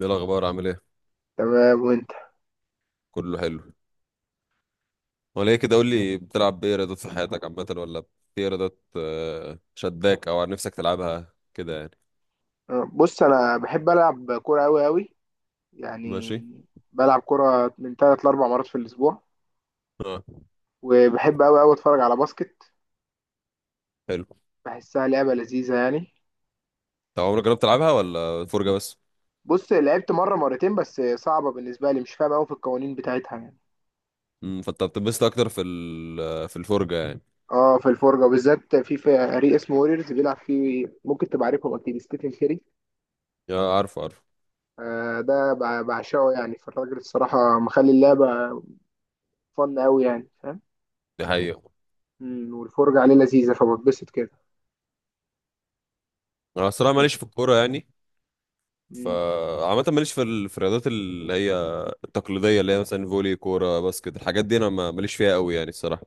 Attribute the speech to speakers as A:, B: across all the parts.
A: ايه الاخبار، عامل ايه؟
B: تمام، وانت؟
A: كله حلو. ولا ايه كده، قول لي، بتلعب بايه رياضات في حياتك عامه، ولا في رياضات شداك او عن نفسك تلعبها كده يعني؟
B: بص، انا بحب العب كوره قوي قوي
A: ماشي.
B: يعني. بلعب كوره من ثلاث لاربع مرات في الاسبوع،
A: اه،
B: وبحب قوي قوي اتفرج على باسكت.
A: حلو.
B: بحسها لعبه لذيذه يعني.
A: طب عمرك جربت تلعبها ولا فرجه بس؟
B: بص، لعبت مره مرتين بس صعبه بالنسبه لي، مش فاهم قوي في القوانين بتاعتها يعني.
A: فانت بتنبسط اكتر في الفرجه يعني.
B: اه، في الفرجه بالذات في فريق اسمه ووريرز بيلعب فيه، ممكن تبقى عارفهم اكيد، ستيفن كيري.
A: يا عارف عارف.
B: آه، ده بعشقه يعني، فالراجل الصراحه مخلي اللعبه فن قوي يعني، فاهم.
A: دي حقيقه.
B: والفرجه عليه لذيذه فبتبسط كده.
A: انا الصراحه ماليش في الكوره يعني،
B: مم.
A: فعامة ماليش في الرياضات اللي هي التقليدية، اللي هي مثلا فولي، كورة، باسكت، الحاجات دي أنا ماليش فيها قوي يعني الصراحة.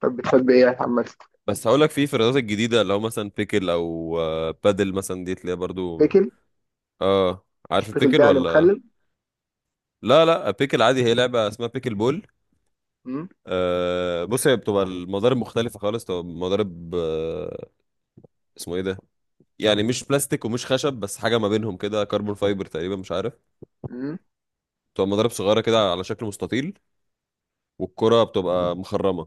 B: طب بتحب ايه يا محمد؟
A: بس هقول لك في الرياضات الجديده، اللي هو مثلا بيكل او بادل مثلا، دي تلاقيها برضو.
B: بيكل.
A: اه،
B: مش
A: عارف
B: بيكل ده
A: البيكل
B: يعني
A: ولا؟
B: مخلل؟
A: لا لا، بيكل عادي، هي لعبه اسمها بيكل بول.
B: امم.
A: آه بص، هي بتبقى المضارب مختلفه خالص، تبقى مضارب آه اسمه ايه ده، يعني مش بلاستيك ومش خشب، بس حاجه ما بينهم كده، كربون فايبر تقريبا، مش عارف.
B: امم.
A: بتبقى مضارب صغيره كده على شكل مستطيل، والكره بتبقى مخرمه.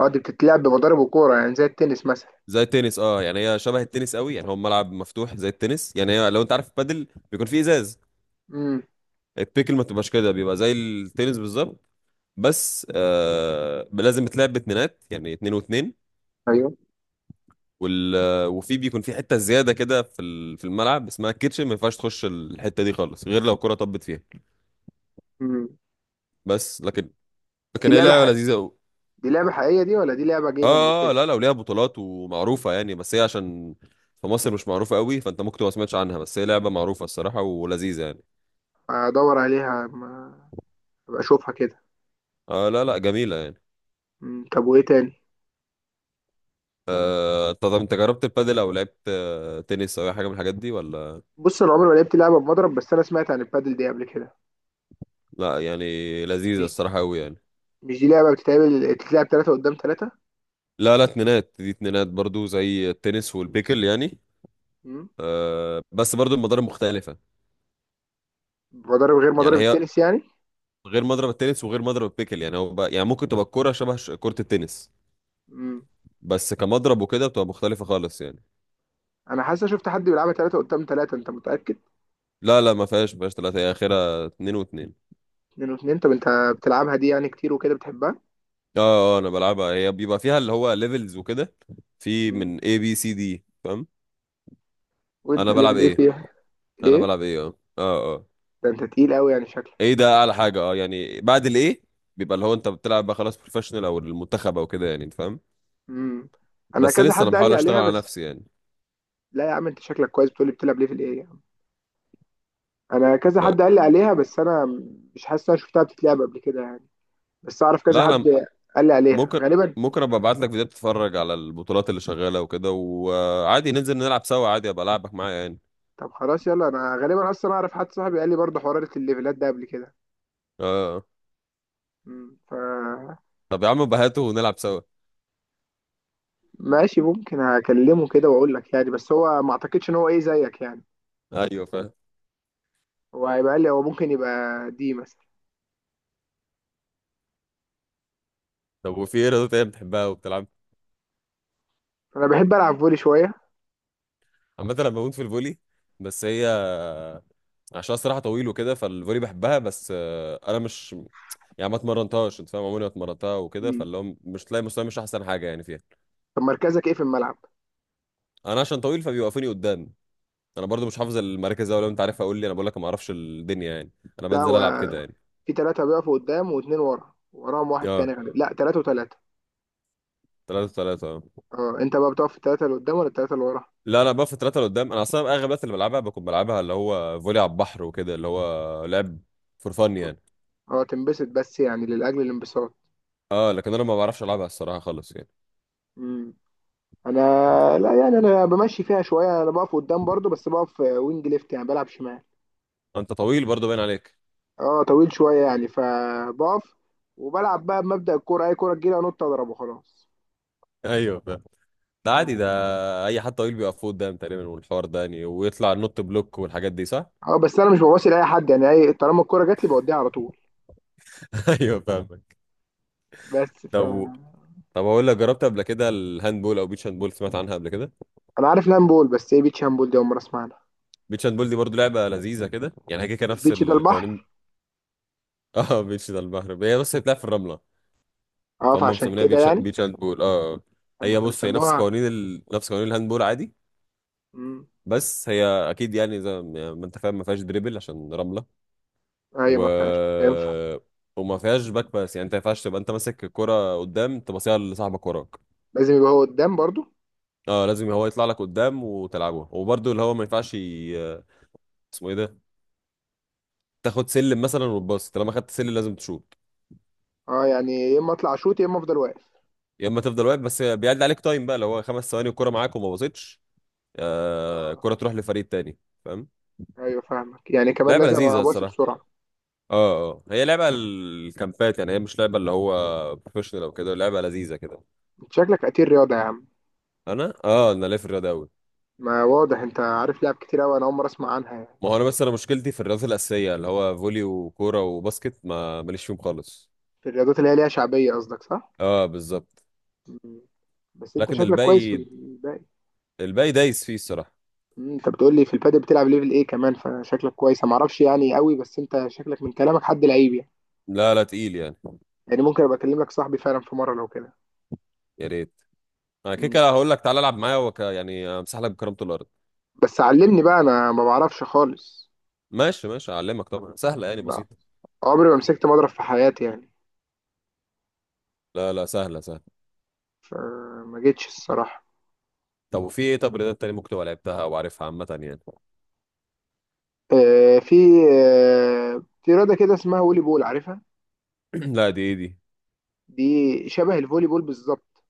B: اه، دي بتتلعب بمضارب وكوره يعني زي التنس مثلا؟
A: زي التنس، اه يعني، هي شبه التنس قوي يعني، هو ملعب مفتوح زي التنس يعني، هي لو انت عارف البادل بيكون فيه ازاز.
B: امم.
A: التيكل ما تبقاش كده، بيبقى زي التنس بالظبط، بس لازم تلعب باتنينات يعني اتنين واتنين.
B: ايوه.
A: وال آه، وفي بيكون في حته زياده كده في الملعب اسمها الكيتشن، ما ينفعش تخش الحته دي خالص غير لو الكره طبت فيها.
B: امم.
A: بس لكن،
B: دي
A: لكن هي
B: لعبه
A: لعبه
B: حق...
A: لذيذه قوي.
B: دي لعبه حقيقيه دي ولا دي لعبه جيمنج
A: اه
B: وكده؟
A: لا، لو ليها بطولات ومعروفه يعني، بس هي عشان في مصر مش معروفه قوي، فانت ممكن تبقى ما سمعتش عنها، بس هي لعبه معروفه الصراحه ولذيذه يعني.
B: ادور عليها، ما ابقى اشوفها كده.
A: اه لا لا، جميله يعني.
B: طب وايه تاني؟
A: طب انت جربت البادل او لعبت تنس او اي حاجه من الحاجات دي ولا؟
B: بص، انا عمري ما لعبت لعبه بمضرب، بس انا سمعت عن البادل دي قبل كده.
A: لا يعني، لذيذة
B: مش
A: الصراحة أوي يعني.
B: مش دي لعبه بتتلعب 3 قدام 3؟
A: لا لا، اتنينات، دي اتنينات برضو زي التنس والبيكل يعني.
B: امم.
A: بس برضو المضارب مختلفة
B: مضارب غير
A: يعني،
B: مضارب
A: هي
B: التنس يعني؟
A: غير مضرب التنس وغير مضرب البيكل يعني، هو بقى يعني، ممكن تبقى الكورة شبه كرة التنس،
B: امم.
A: بس كمضرب وكده بتبقى مختلفة خالص يعني.
B: انا حاسس شفت حد بيلعبها 3 قدام 3، انت متاكد؟
A: لا لا، ما فيهاش ثلاثة، هي آخرها اتنين واتنين.
B: 2 و2. طب انت بتلعبها دي يعني كتير وكده بتحبها؟
A: اه اه، أنا بلعبها، هي بيبقى فيها اللي هو ليفلز وكده، في
B: مم.
A: من A B C D فاهم.
B: وانت
A: أنا بلعب
B: ليفل ايه
A: ايه؟
B: فيها؟
A: أنا
B: ايه
A: بلعب ايه، اه اه اه،
B: ده، انت تقيل قوي يعني شكلك.
A: ايه ده اعلى حاجه، اه يعني، بعد الايه بيبقى اللي هو انت بتلعب بقى خلاص بروفيشنال او المنتخب او كده يعني، انت فاهم.
B: امم. انا
A: بس
B: كذا
A: لسه انا
B: حد قال
A: بحاول
B: لي
A: اشتغل
B: عليها
A: على
B: بس.
A: نفسي يعني.
B: لا يا عم، انت شكلك كويس، بتقولي بتلعب ليفل ايه يا عم. انا كذا حد قال لي عليها، بس انا مش حاسس إن انا شفتها بتتلعب قبل كده يعني، بس اعرف كذا
A: لا
B: حد
A: انا،
B: قال لي عليها
A: ممكن
B: غالبا.
A: ممكن ابقى ابعت لك فيديوهات تتفرج على البطولات اللي شغاله وكده، وعادي ننزل نلعب سوا، عادي ابقى العبك معايا يعني.
B: طب خلاص يلا، انا غالبا اصلا اعرف حد صاحبي قال لي برضه حوار الليفلات ده قبل كده.
A: اه،
B: ف
A: طب يا عم بهاته ونلعب سوا.
B: ماشي، ممكن هكلمه كده واقول لك يعني، بس هو ما اعتقدش ان هو ايه زيك يعني.
A: ايوه فاهم.
B: هو هيبقى قال لي هو ممكن يبقى دي مثلا.
A: طب وفي ايه رياضه تانية بتحبها وبتلعب
B: انا بحب العب فولي شويه.
A: عامه؟ انا بموت في الفولي، بس هي عشان الصراحه طويل وكده، فالفولي بحبها بس، انا مش يعني، ما اتمرنتهاش، انت فاهم، عمري ما اتمرنتها وكده، فاللي هو مش تلاقي مستواي مش احسن حاجه يعني فيها.
B: طب مركزك ايه في الملعب؟
A: انا عشان طويل فبيوقفوني قدام. انا برضو مش حافظ المراكز أوي، لو انت عارفها قول لي، انا بقول لك ما اعرفش الدنيا يعني، انا
B: ده
A: بنزل
B: هو
A: العب كده يعني.
B: في ثلاثه بيقفوا قدام واثنين ورا، وراهم واحد تاني
A: اه،
B: غالبا، لا ثلاثه وثلاثه.
A: ثلاثة ثلاثة اه.
B: اه، انت بقى بتقف في الثلاثه اللي قدام ولا الثلاثه اللي ورا؟
A: لا انا بقى في ثلاثة قدام، انا اصلا اغلب الوقت اللي بلعبها بكون بلعبها اللي هو فولي على البحر وكده، اللي هو لعب فور فن يعني.
B: اه، تنبسط بس يعني لاجل الانبساط.
A: اه، لكن انا ما بعرفش العبها الصراحة خالص يعني،
B: امم. انا
A: انت فاهم.
B: لا يعني، انا بمشي فيها شويه، انا بقف قدام برضو، بس بقف وينج ليفت يعني بلعب شمال.
A: انت طويل برضو باين عليك.
B: اه، طويل شويه يعني، فبقف وبلعب بقى بمبدأ الكوره، اي كوره تجيلي انط اضرب وخلاص.
A: ايوه فاهم. ده عادي ده،
B: ف-
A: اي حد طويل بيقف قدام تقريبا، والحوار ده يعني، ويطلع نوت بلوك والحاجات دي صح.
B: اه، بس انا مش بباصي لاي حد يعني، اي طالما الكوره جات لي بوديها على طول.
A: ايوه فاهمك.
B: بس ف
A: طب طب اقول لك، جربت قبل كده الهاند بول او بيتش هاند بول؟ سمعت عنها قبل كده؟
B: انا عارف لامبول، بس ايه بيتش هامبول دي؟ اول مره اسمع عنها.
A: بيتش هاند بول دي برضو لعبه لذيذه كده يعني، هي كده
B: مش
A: نفس
B: بيتش ده
A: القوانين.
B: البحر؟
A: اه بيتش ده البحر، هي بس بتلعب في الرمله،
B: اه،
A: فهم
B: فعشان
A: مسمينها
B: كده
A: بيتش،
B: يعني،
A: بيتش هاند بول اه.
B: لما
A: هي
B: كانوا
A: بص، هي نفس
B: سموها.
A: قوانين نفس قوانين الهاند بول عادي.
B: امم.
A: بس هي اكيد يعني، زي ما يعني، ما انت فاهم، ما فيهاش دريبل عشان رمله.
B: ايوه. ما فيهاش
A: و
B: ينفع.
A: وما فيهاش باك باس يعني، انت ما ينفعش تبقى انت ماسك الكرة قدام تبصيها لصاحبك وراك.
B: لازم يبقى هو قدام برضو.
A: اه لازم هو يطلع لك قدام وتلعبها، وبرضه اللي هو ما ينفعش، اسمه ايه ده تاخد سلم مثلا وتباص، طالما خدت سلم لازم تشوط.
B: اه، يعني يا اما اطلع اشوط يا اما افضل واقف.
A: يا اما تفضل واقف، بس بيعد عليك تايم بقى، لو هو 5 ثواني والكره معاك وما باصتش
B: اه.
A: الكره تروح لفريق تاني، فاهم.
B: ايوه فاهمك، يعني كمان
A: لعبه
B: لازم
A: لذيذه
B: ابقى باصي
A: الصراحه.
B: بسرعه.
A: اه اه، هي لعبه الكامبات يعني، هي مش لعبه اللي هو بروفيشنال او كده، لعبه لذيذه كده.
B: انت شكلك قتيل رياضه يا عم.
A: انا اه، انا ليا في الرياضه قوي.
B: ما واضح، انت عارف لعب كتير قوي، انا اول مره اسمع عنها يعني.
A: ما هو انا بس، انا مشكلتي في الرياضات الاساسيه اللي هو فولي وكوره وباسكت، ما ماليش فيهم خالص.
B: في الرياضات اللي هي ليها شعبيه قصدك، صح؟
A: اه بالظبط.
B: مم. بس انت
A: لكن
B: شكلك كويس في
A: الباقي،
B: الباقي.
A: الباقي دايس فيه الصراحه.
B: انت بتقول لي في البادل بتلعب ليفل ايه كمان، فشكلك كويس، انا ما اعرفش يعني قوي، بس انت شكلك من كلامك حد لعيب يعني.
A: لا لا تقيل يعني.
B: يعني ممكن ابقى اكلم لك صاحبي فعلا في مره لو كده.
A: يا ريت، انا كده
B: مم.
A: كده هقول لك تعالى العب معايا يعني امسح لك بكرامة الارض.
B: بس علمني بقى، انا ما بعرفش خالص.
A: ماشي ماشي، اعلمك طبعا، سهله يعني
B: لا،
A: بسيطه.
B: عمري ما مسكت مضرب في حياتي يعني،
A: لا لا، سهله سهله.
B: فما جيتش الصراحه.
A: طب وفي ايه، طب رياضات تاني ممكن تبقى لعبتها او عارفها عامه يعني؟
B: آه في في رياضه كده اسمها فولي بول، عارفها؟
A: لا، دي ايه دي؟
B: دي شبه الفولي بول بالظبط،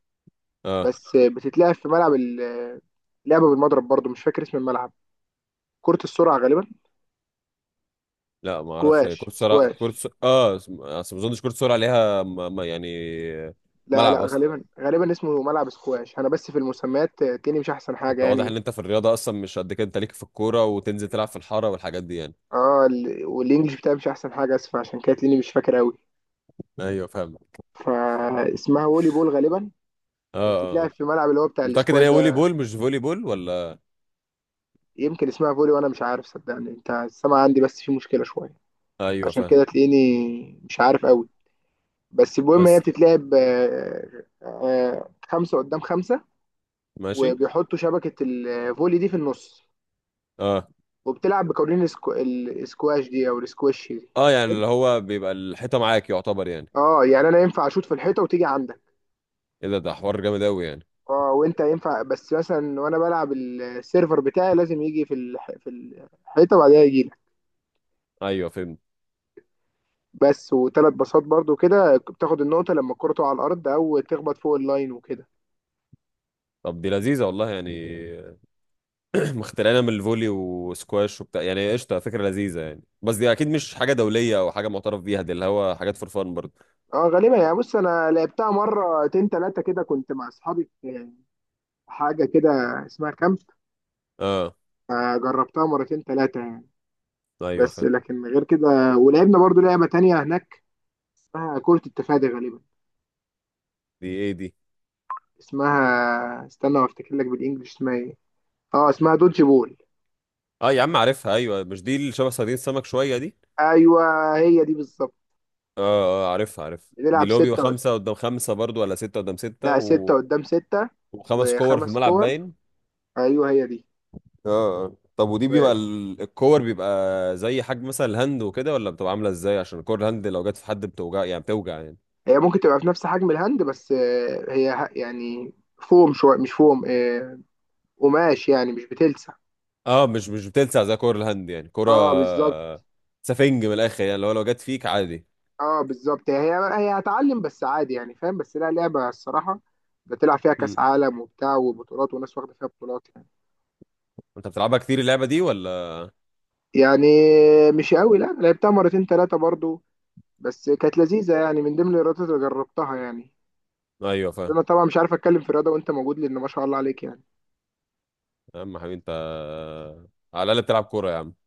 A: اه
B: بس بتتلعب في ملعب لعبه بالمضرب برضو، مش فاكر اسم الملعب. كره السرعه غالبا.
A: لا ما اعرفش، هي
B: سكواش،
A: كره سرعه،
B: سكواش.
A: اه اصل ما اظنش كره سرعه ليها يعني
B: لا
A: ملعب
B: لا،
A: اصلا.
B: غالبا غالبا اسمه ملعب سكواش، انا بس في المسميات تلاقيني مش احسن حاجه
A: انت واضح
B: يعني.
A: ان انت في الرياضه اصلا مش قد كده، انت ليك في الكوره وتنزل تلعب في الحاره والحاجات دي يعني.
B: اه، والانجليش بتاعي مش احسن حاجه، اسف، عشان كده تلاقيني مش فاكر قوي.
A: ايوه فاهم اه
B: فاسمها فولي بول غالبا،
A: اه
B: بتتلعب
A: آه.
B: في الملعب اللي هو بتاع
A: متاكد ان هي
B: الاسكواش
A: فولي
B: ده.
A: بول مش فولي بول ولا؟
B: يمكن اسمها فولي وانا مش عارف، صدقني انت السمع عندي بس في مشكله شويه،
A: ايوه
B: عشان
A: فاهم،
B: كده تلاقيني مش عارف قوي. بس المهم، هي
A: بس
B: بتتلعب 5 قدام 5،
A: ماشي.
B: وبيحطوا شبكه الفولي دي في النص،
A: اه
B: وبتلعب بقوانين الاسكواش دي او الاسكواش دي.
A: اه، يعني اللي هو بيبقى الحيطه معاك يعتبر يعني.
B: اه، يعني انا ينفع اشوط في الحيطه وتيجي عندك.
A: ايه ده، ده حوار جامد قوي يعني.
B: اه، وانت ينفع بس مثلا، وانا بلعب السيرفر بتاعي لازم يجي في في الحيطه بعدها يجي لك.
A: ايوه فهمت.
B: بس وثلاث باصات برضو كده بتاخد النقطه لما الكره تقع على الارض او تخبط فوق اللاين وكده.
A: طب دي لذيذه والله يعني. مخترعينها من الفولي وسكواش وبتاع يعني، قشطه، فكره لذيذه يعني، بس دي اكيد مش حاجه دوليه او حاجه معترف بيها، دي اللي هو حاجات فور فان برضه.
B: اه غالبا يعني، بص انا لعبتها مرتين ثلاثه كده، كنت مع اصحابي في حاجه كده اسمها كامب.
A: اه
B: جربتها مرتين ثلاثه يعني،
A: ايوه
B: بس
A: فاهم.
B: لكن غير كده ولعبنا برضو لعبه تانية هناك اسمها كره التفادي غالبا،
A: دي ايه دي؟
B: اسمها استنى وافتكر لك بالانجلش اسمها ايه. اه، اسمها دودج بول.
A: اه يا عم عارفها، ايوه، مش دي اللي شبه صيادين السمك شويه دي.
B: ايوه هي دي بالظبط.
A: اه اه، عارفها عارفها، دي
B: بنلعب
A: اللي هو بيبقى
B: ستة قد...
A: خمسه قدام خمسه برضه، ولا سته قدام سته
B: لا 6 قدام 6
A: وخمس كور في
B: وخمس
A: الملعب
B: كور.
A: باين.
B: ايوه هي دي.
A: اه، طب ودي بيبقى
B: و...
A: الكور بيبقى زي حجم مثلا الهاند وكده، ولا بتبقى عامله ازاي؟ عشان كور الهاند لو جت في حد بتوجع يعني بتوجع يعني.
B: هي ممكن تبقى في نفس حجم الهاند، بس يعني فوم شوية، مش فوم، قماش يعني، مش بتلسع.
A: اه مش بتلسع زي كور الهاند يعني، كرة
B: اه بالظبط.
A: سفنج من الاخر يعني، لو جت فيك عادي.
B: اه بالظبط، هي هتعلم بس عادي يعني، فاهم، بس لا، لعبة الصراحة بتلعب فيها كأس
A: مم.
B: عالم وبتاع وبطولات وناس واخدة فيها بطولات يعني.
A: انت بتلعبها كتير اللعبه دي ولا؟
B: يعني مش قوي، لا لعبتها مرتين ثلاثة برضو، بس كانت لذيذة يعني، من ضمن الرياضات اللي جربتها يعني.
A: ايوه فاهم.
B: انا طبعا مش عارف اتكلم في الرياضه وانت موجود، لان ما شاء الله عليك يعني.
A: يا عم حبيبي انت، على الاقل بتلعب كوره يا عم.